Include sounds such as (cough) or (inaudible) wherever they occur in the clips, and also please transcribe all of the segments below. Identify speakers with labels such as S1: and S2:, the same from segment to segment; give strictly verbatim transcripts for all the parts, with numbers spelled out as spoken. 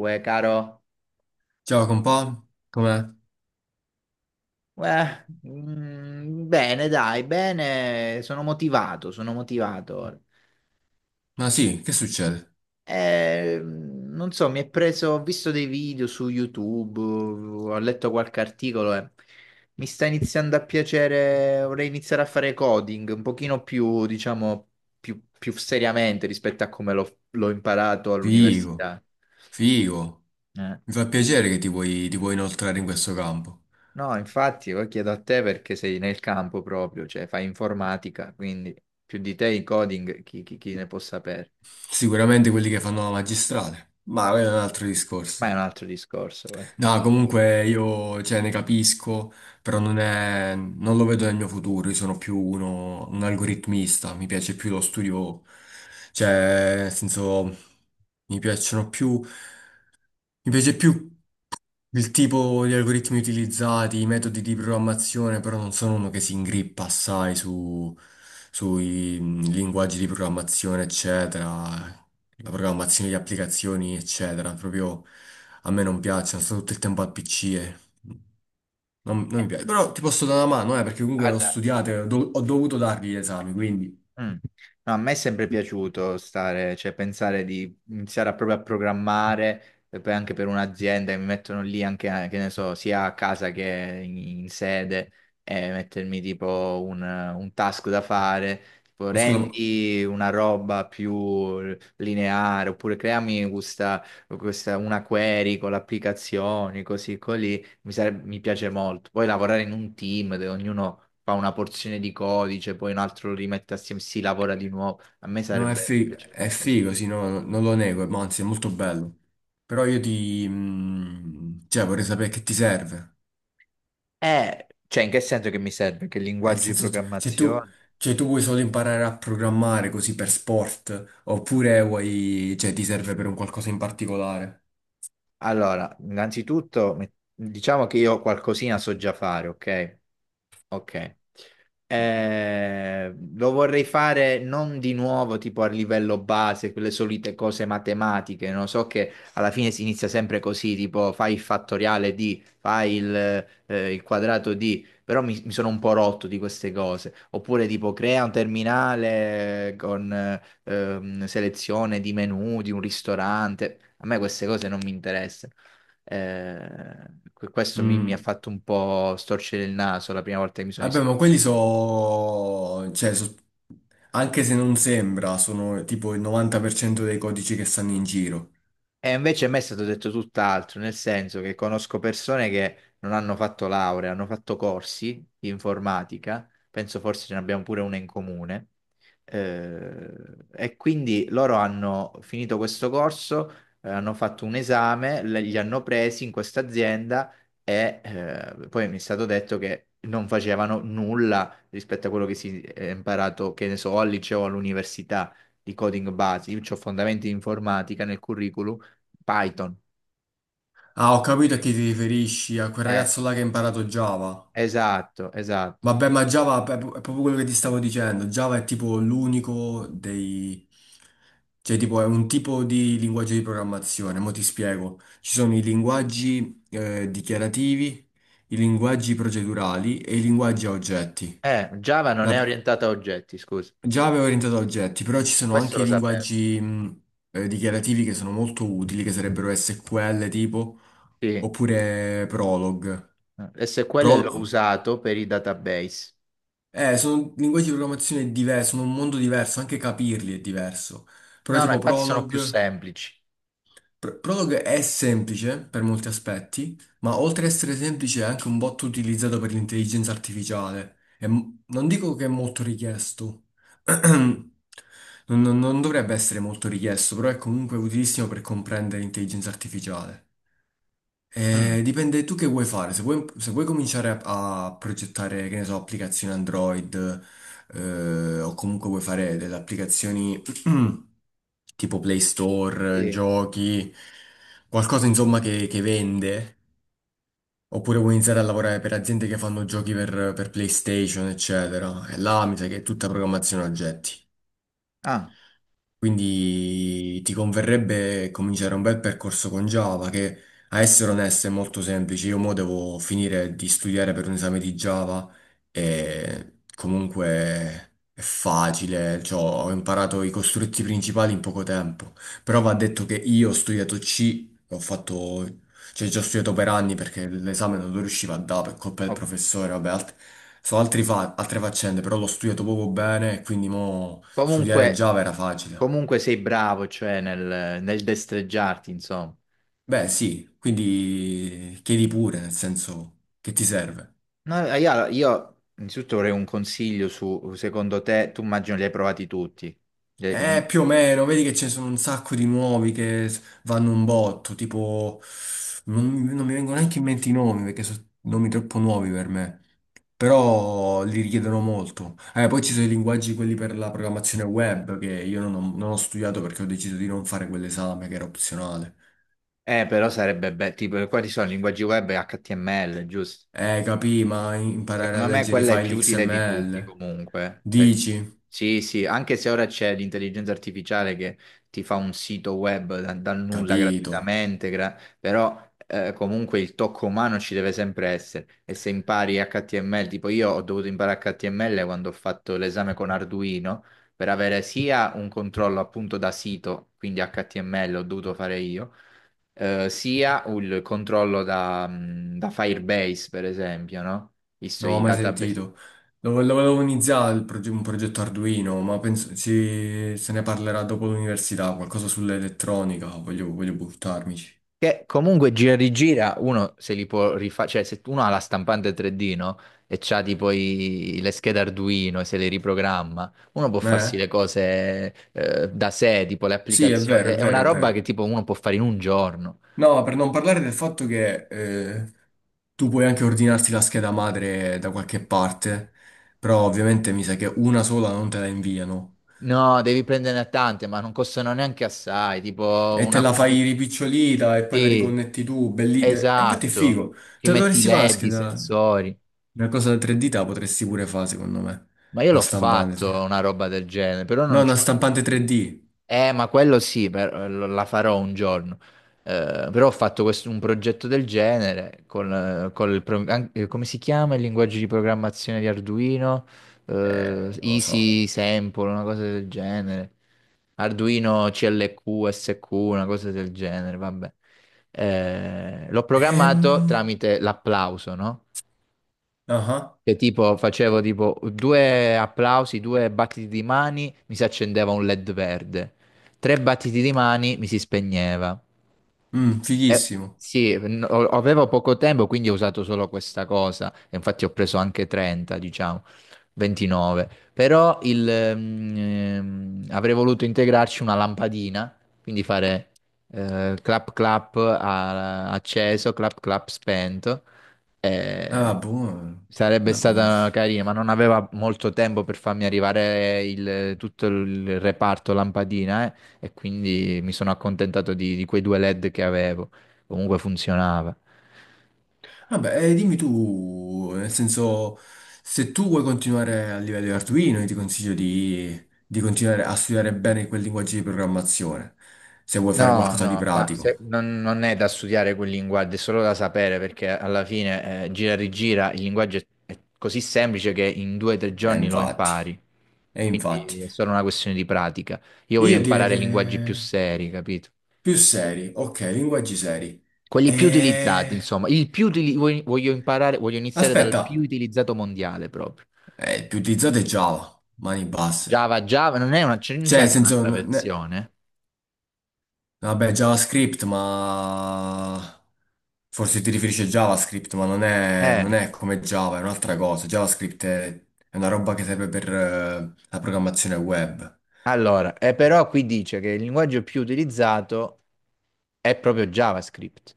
S1: Uè, caro,
S2: Ciao compà, com'è?
S1: uè, mm, bene, dai, bene, sono motivato, sono motivato. ora.
S2: Ma sì, che succede?
S1: Eh, non so, mi è preso, ho visto dei video su YouTube, ho letto qualche articolo e mi sta iniziando a piacere, vorrei iniziare a fare coding un pochino più, diciamo, più, più seriamente rispetto a come l'ho l'ho imparato
S2: Figo,
S1: all'università.
S2: figo.
S1: Eh.
S2: Mi fa piacere che ti vuoi, ti vuoi inoltrare in questo campo.
S1: No, infatti, io chiedo a te perché sei nel campo proprio, cioè fai informatica, quindi più di te i coding chi, chi- chi ne può sapere.
S2: Sicuramente quelli che fanno la magistrale, ma quello è un altro
S1: Ma
S2: discorso.
S1: è un altro discorso, eh.
S2: No, comunque io, cioè, ne capisco, però non è, non lo vedo nel mio futuro, io sono più uno, un algoritmista, mi piace più lo studio, cioè, nel senso, mi piacciono più... Mi piace più il tipo di algoritmi utilizzati, i metodi di programmazione, però non sono uno che si ingrippa assai su, sui mh, linguaggi di programmazione, eccetera, la programmazione di applicazioni, eccetera. Proprio a me non piacciono, sto tutto il tempo al pi ci e non, non mi piace. Però ti posso dare una mano, eh, perché comunque ho
S1: Guarda.
S2: studiato, e ho, do- ho dovuto dargli gli esami, quindi...
S1: Mm. No, a me è sempre piaciuto stare, cioè pensare di iniziare a proprio a programmare e poi anche per un'azienda che mi mettono lì anche, eh, che ne so, sia a casa che in, in sede e mettermi tipo un, un task da fare, tipo
S2: Ma scusa, ma
S1: rendi una roba più lineare oppure creami questa, questa- una query con le applicazioni, così così mi, sareb- mi piace molto. Poi lavorare in un team dove ognuno fa una porzione di codice, poi un altro lo rimette assieme, si lavora di nuovo. A me
S2: no, è,
S1: sarebbe, mi
S2: fi-
S1: piacerebbe
S2: è
S1: un casino.
S2: figo, sì, no, no- non lo nego, ma anzi è molto bello. Però io ti... mm, cioè, vorrei sapere che ti serve.
S1: Eh, cioè, in che senso che mi serve? Che
S2: Nel
S1: linguaggi di
S2: senso, se tu,
S1: programmazione?
S2: cioè, tu vuoi solo imparare a programmare così per sport, oppure vuoi... cioè, ti serve per un qualcosa in particolare.
S1: Allora, innanzitutto, met- diciamo che io qualcosina so già fare, ok? Ok. Eh, lo vorrei fare non di nuovo tipo a livello base, quelle solite cose matematiche, non so, che alla fine si inizia sempre così, tipo fai il fattoriale di, fai il, eh, il quadrato di, però mi, mi sono un po' rotto di queste cose, oppure tipo crea un terminale con eh, ehm, selezione di menu di un ristorante, a me queste cose non mi interessano. Eh, questo mi, mi ha
S2: Mm.
S1: fatto un po' storcere il naso la prima volta che mi sono
S2: Vabbè,
S1: iscritto.
S2: ma quelli sono... cioè, so- anche se non sembra, sono tipo il novanta per cento dei codici che stanno in giro.
S1: E invece a me è stato detto tutt'altro, nel senso che conosco persone che non hanno fatto laurea, hanno fatto corsi di informatica, penso forse ce ne abbiamo pure una in comune, eh, e quindi loro hanno finito questo corso, eh, hanno fatto un esame, le- li hanno presi in questa azienda e eh, poi mi è stato detto che non facevano nulla rispetto a quello che si è imparato, che ne so, al liceo, o all'università di coding base. Io ho fondamenti di informatica nel curriculum, Python.
S2: Ah, ho capito a
S1: Ok.
S2: chi ti riferisci, a quel
S1: Eh,
S2: ragazzo là che ha imparato Java.
S1: esatto, esatto.
S2: Vabbè, ma Java è pro- è proprio quello che ti stavo dicendo. Java è tipo l'unico dei... Cioè, tipo, è un tipo di linguaggio di programmazione. Mo' ti spiego. Ci sono i linguaggi eh, dichiarativi, i linguaggi procedurali e i linguaggi a oggetti.
S1: Eh, Java non
S2: La-
S1: è orientata a oggetti, scusa.
S2: Java è orientato a oggetti, però ci sono
S1: Questo
S2: anche
S1: lo
S2: i
S1: sapevo.
S2: linguaggi mh, eh, dichiarativi che sono molto utili, che sarebbero S Q L tipo,
S1: Sì.
S2: oppure Prolog.
S1: esse qu elle l'ho usato per i database.
S2: Eh, sono linguaggi di programmazione diversi, sono un mondo diverso, anche capirli è diverso. Però
S1: No, no,
S2: tipo
S1: infatti sono più
S2: Prolog,
S1: semplici.
S2: Pr- Prolog è semplice per molti aspetti, ma oltre ad essere semplice è anche un bot utilizzato per l'intelligenza artificiale. E m- non dico che è molto richiesto, (clears throat) non, non- non dovrebbe essere molto richiesto, però è comunque utilissimo per comprendere l'intelligenza artificiale.
S1: Mm,
S2: Eh, dipende tu che vuoi fare. Se vuoi, se vuoi cominciare a, a progettare, che ne so, applicazioni Android, eh, o comunque vuoi fare delle applicazioni (clears throat) tipo Play Store,
S1: sì.
S2: giochi, qualcosa insomma che, che vende, oppure vuoi iniziare a lavorare per aziende che fanno giochi per, per PlayStation, eccetera. E là mi sa che è tutta programmazione oggetti.
S1: Ah,
S2: Quindi ti converrebbe cominciare un bel percorso con Java che, a essere onesto, è molto semplice. Io mo devo finire di studiare per un esame di Java e comunque è facile, cioè, ho imparato i costrutti principali in poco tempo. Però va detto che io ho studiato C, ho fatto, cioè già ho studiato per anni perché l'esame non lo riuscivo a dare per colpa del
S1: ok.
S2: professore, vabbè, alt- sono altri fa- altre faccende, però l'ho studiato poco bene e quindi mo studiare
S1: Comunque,
S2: Java era facile.
S1: comunque sei bravo, cioè nel, nel destreggiarti, insomma.
S2: Beh, sì, quindi chiedi pure, nel senso che ti serve.
S1: No, eh, io, io innanzitutto vorrei un consiglio su, secondo te, tu immagino li hai provati tutti, li
S2: Eh,
S1: hai-
S2: più o meno, vedi che ce ne sono un sacco di nuovi che s- vanno un botto, tipo... Non, non mi vengono neanche in mente i nomi, perché sono nomi troppo nuovi per me, però li richiedono molto. Eh, poi ci sono i linguaggi, quelli per la programmazione web, che io non ho, non ho studiato perché ho deciso di non fare quell'esame, che era opzionale.
S1: eh, però sarebbe bello, tipo, quali sono linguaggi web e acca ti emme elle, giusto?
S2: Eh, capì, ma imparare a
S1: Secondo me
S2: leggere i
S1: quella è più
S2: file
S1: utile di tutti
S2: X M L.
S1: comunque, perché...
S2: Dici?
S1: Sì, sì, anche se ora c'è l'intelligenza artificiale che ti fa un sito web da- dal nulla
S2: Capito.
S1: gratuitamente, gra- però eh, comunque il tocco umano ci deve sempre essere. E se impari acca ti emme elle, tipo io ho dovuto imparare acca ti emme elle quando ho fatto l'esame con Arduino per avere sia un controllo appunto da sito, quindi acca ti emme elle ho dovuto fare io, eh, sia il controllo da, mh, da Firebase, per esempio, no? Visto
S2: Non
S1: i...
S2: ho
S1: Mhm.
S2: mai
S1: Database.
S2: sentito. Lo, vo- lo volevo iniziare il proge- un progetto Arduino, ma penso ci- se ne parlerà dopo l'università, qualcosa sull'elettronica, voglio, voglio buttarmici.
S1: Che comunque gira rigira, uno se li può rifare, cioè se uno ha la stampante tre D, no? E c'ha tipo i- le schede Arduino e se le riprogramma, uno può
S2: Eh?
S1: farsi le cose, eh, da sé, tipo le
S2: Sì, è
S1: applicazioni.
S2: vero, è
S1: È è una
S2: vero, è
S1: roba che
S2: vero.
S1: tipo uno può fare in un giorno.
S2: No, per non parlare del fatto che eh, tu puoi anche ordinarti la scheda madre da qualche parte, però ovviamente mi sa che una sola non te la inviano.
S1: No, devi prenderne tante, ma non costano neanche assai, tipo
S2: E te
S1: una
S2: la fai
S1: quindicina.
S2: ripicciolita e poi la
S1: Sì.
S2: riconnetti tu, bellite. E infatti è
S1: Esatto,
S2: figo.
S1: ti
S2: Te la
S1: metti i
S2: dovresti fare una
S1: LED, i
S2: scheda.
S1: sensori.
S2: Una cosa da tre D te la potresti pure fare, secondo me.
S1: Ma io
S2: Una
S1: l'ho
S2: stampante
S1: fatto
S2: tre D.
S1: una roba del genere, però
S2: No,
S1: non
S2: una
S1: c'ho...
S2: stampante tre D.
S1: Eh, ma quello sì, per- lo- la farò un giorno. Eh, però ho fatto questo- un progetto del genere con, eh, col pro- an- eh, come si chiama il linguaggio di programmazione di Arduino?
S2: Eh,
S1: Eh,
S2: non lo so.
S1: Easy Sample, una cosa del genere. Arduino ci elle qu, esse qu, una cosa del genere, vabbè. Eh, l'ho programmato
S2: Ehm...
S1: tramite l'applauso, no?
S2: ah ah.
S1: Che tipo facevo tipo due applausi, due battiti di mani, mi si accendeva un LED verde. Tre battiti di mani, mi si spegneva.
S2: Mm,
S1: Eh,
S2: fighissimo.
S1: sì, n- o- avevo poco tempo, quindi ho usato solo questa cosa. E infatti ho preso anche trenta, diciamo, ventinove. Però il, ehm, ehm, avrei voluto integrarci una lampadina, quindi fare eh, clap clap a- acceso, clap clap spento.
S2: Ah,
S1: Eh,
S2: buono.
S1: sarebbe
S2: Ma buono.
S1: stata carina, ma non aveva molto tempo per farmi arrivare il- tutto il reparto lampadina, eh, e quindi mi sono accontentato di, di quei due LED che avevo. Comunque funzionava.
S2: Vabbè, eh, dimmi tu, nel senso, se tu vuoi continuare a livello di Arduino, io ti consiglio di, di continuare a studiare bene quel linguaggio di programmazione, se vuoi fare
S1: No,
S2: qualcosa di
S1: no, ma se-
S2: pratico.
S1: non, non è da studiare quel linguaggio, è solo da sapere perché alla fine eh, gira e rigira il linguaggio è, è così semplice che in due o tre
S2: E
S1: giorni lo
S2: infatti,
S1: impari.
S2: e infatti.
S1: Quindi è solo una questione di pratica. Io voglio
S2: Io direi
S1: imparare
S2: che
S1: linguaggi più seri, capito?
S2: più seri, ok, linguaggi seri.
S1: Quelli più utilizzati,
S2: E...
S1: insomma. Il più utili- voglio, voglio imparare, voglio iniziare dal
S2: Aspetta,
S1: più utilizzato mondiale proprio.
S2: eh, più utilizzate Java, mani basse.
S1: Java, Java, non è una, c'è- non
S2: Cioè,
S1: c'è
S2: nel
S1: anche
S2: senso,
S1: un'altra
S2: n-
S1: versione?
S2: vabbè, JavaScript, ma forse ti riferisci a JavaScript, ma non è, non
S1: Eh,
S2: è come Java, è un'altra cosa. JavaScript è, è una roba che serve per eh, la programmazione web.
S1: Allora, eh, però qui dice che il linguaggio più utilizzato è proprio JavaScript.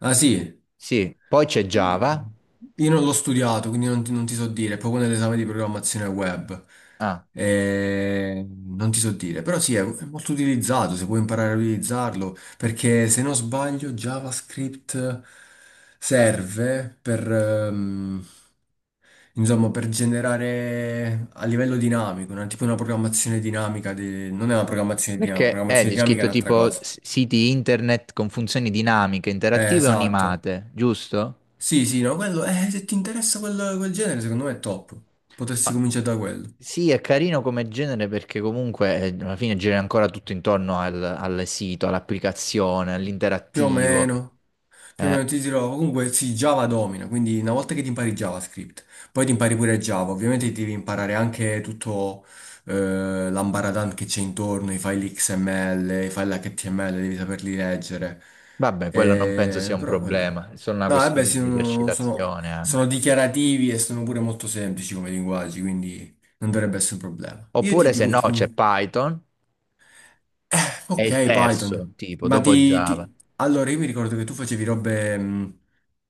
S2: Ah sì,
S1: Sì, poi c'è Java.
S2: io non l'ho studiato, quindi non ti, non ti so dire, è proprio nell'esame di programmazione web.
S1: Ah,
S2: Eh, non ti so dire, però sì, è è molto utilizzato, se puoi imparare a utilizzarlo, perché se non sbaglio JavaScript serve per... ehm, insomma, per generare a livello dinamico, una, tipo una programmazione dinamica, di- non è una programmazione dinamica,
S1: perché è
S2: programmazione
S1: di
S2: dinamica è
S1: scritto
S2: un'altra
S1: tipo
S2: cosa.
S1: s- siti internet con funzioni dinamiche,
S2: Eh,
S1: interattive o
S2: esatto.
S1: animate, giusto?
S2: Sì, sì, no, quello, eh, se ti interessa quel, quel genere, secondo me è top. Potresti
S1: Ma
S2: cominciare da quello.
S1: sì, è carino come genere perché comunque eh, alla fine gira ancora tutto intorno al, al sito, all'applicazione,
S2: Più o
S1: all'interattivo.
S2: meno. Più o meno
S1: Eh,
S2: ti dirò, comunque sì, Java domina, quindi una volta che ti impari JavaScript, poi ti impari pure Java, ovviamente ti devi imparare anche tutto eh, l'ambaradan che c'è intorno, i file X M L, i file acca ti emme elle, devi saperli leggere.
S1: vabbè, quello non penso sia
S2: Eh,
S1: un
S2: però quello...
S1: problema, è solo una
S2: No, eh beh,
S1: questione
S2: sì,
S1: di
S2: sono, sono-
S1: esercitazione anche.
S2: sono dichiarativi e sono pure molto semplici come linguaggi, quindi non dovrebbe essere un problema. Io ti
S1: Oppure se
S2: dico,
S1: no
S2: ti
S1: c'è Python, è il
S2: ok, Python.
S1: terzo tipo,
S2: Ma
S1: dopo
S2: ti, ti-
S1: Java.
S2: Allora, io mi ricordo che tu facevi robe mh,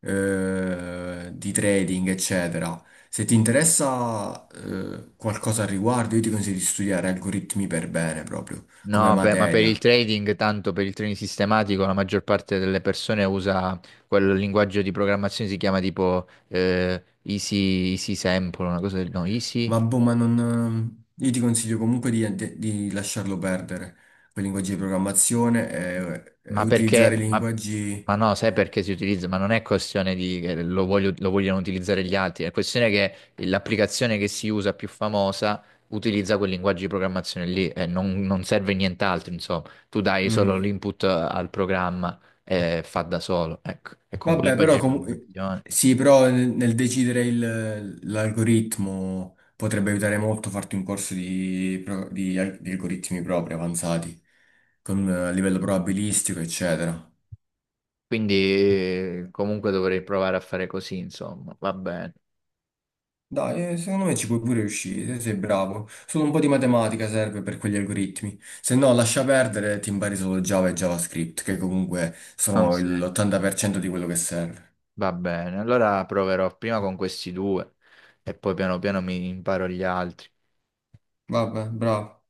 S2: eh, di trading, eccetera. Se ti interessa eh, qualcosa al riguardo, io ti consiglio di studiare algoritmi per bene, proprio, come
S1: No, per- ma per il
S2: materia.
S1: trading, tanto per il trading sistematico, la maggior parte delle persone usa quel linguaggio di programmazione, si chiama tipo eh, Easy, Easy Sample, una cosa del... no, Easy.
S2: Ma boh, ma non... eh, io ti consiglio comunque di, di- di lasciarlo perdere, quei linguaggi di programmazione e, e
S1: Ma
S2: utilizzare
S1: perché?
S2: i
S1: Ma,
S2: linguaggi...
S1: ma no, sai perché si utilizza? Ma non è questione di che lo voglio- lo vogliono utilizzare gli altri, è questione che l'applicazione che si usa più famosa utilizza quel linguaggio di programmazione lì e non, non serve nient'altro, insomma. Tu dai solo
S2: mm,
S1: l'input al programma e fa da solo, ecco, e con quel
S2: vabbè,
S1: linguaggio
S2: però
S1: di
S2: comunque
S1: programmazione.
S2: sì, però nel, nel decidere il- l'algoritmo potrebbe aiutare molto farti un corso di, pro- di al- di algoritmi propri avanzati, con, eh, a livello probabilistico, eccetera.
S1: Quindi eh, comunque dovrei provare a fare così, insomma, va bene,
S2: Dai, eh, secondo me ci puoi pure riuscire, se sei bravo. Solo un po' di matematica serve per quegli algoritmi. Se no, lascia perdere, ti impari solo Java e JavaScript, che comunque
S1: non
S2: sono
S1: serve.
S2: l'ottanta per cento di quello che serve.
S1: Va bene, allora proverò prima con questi due e poi piano piano mi imparo gli altri.
S2: Vabbè, bravo.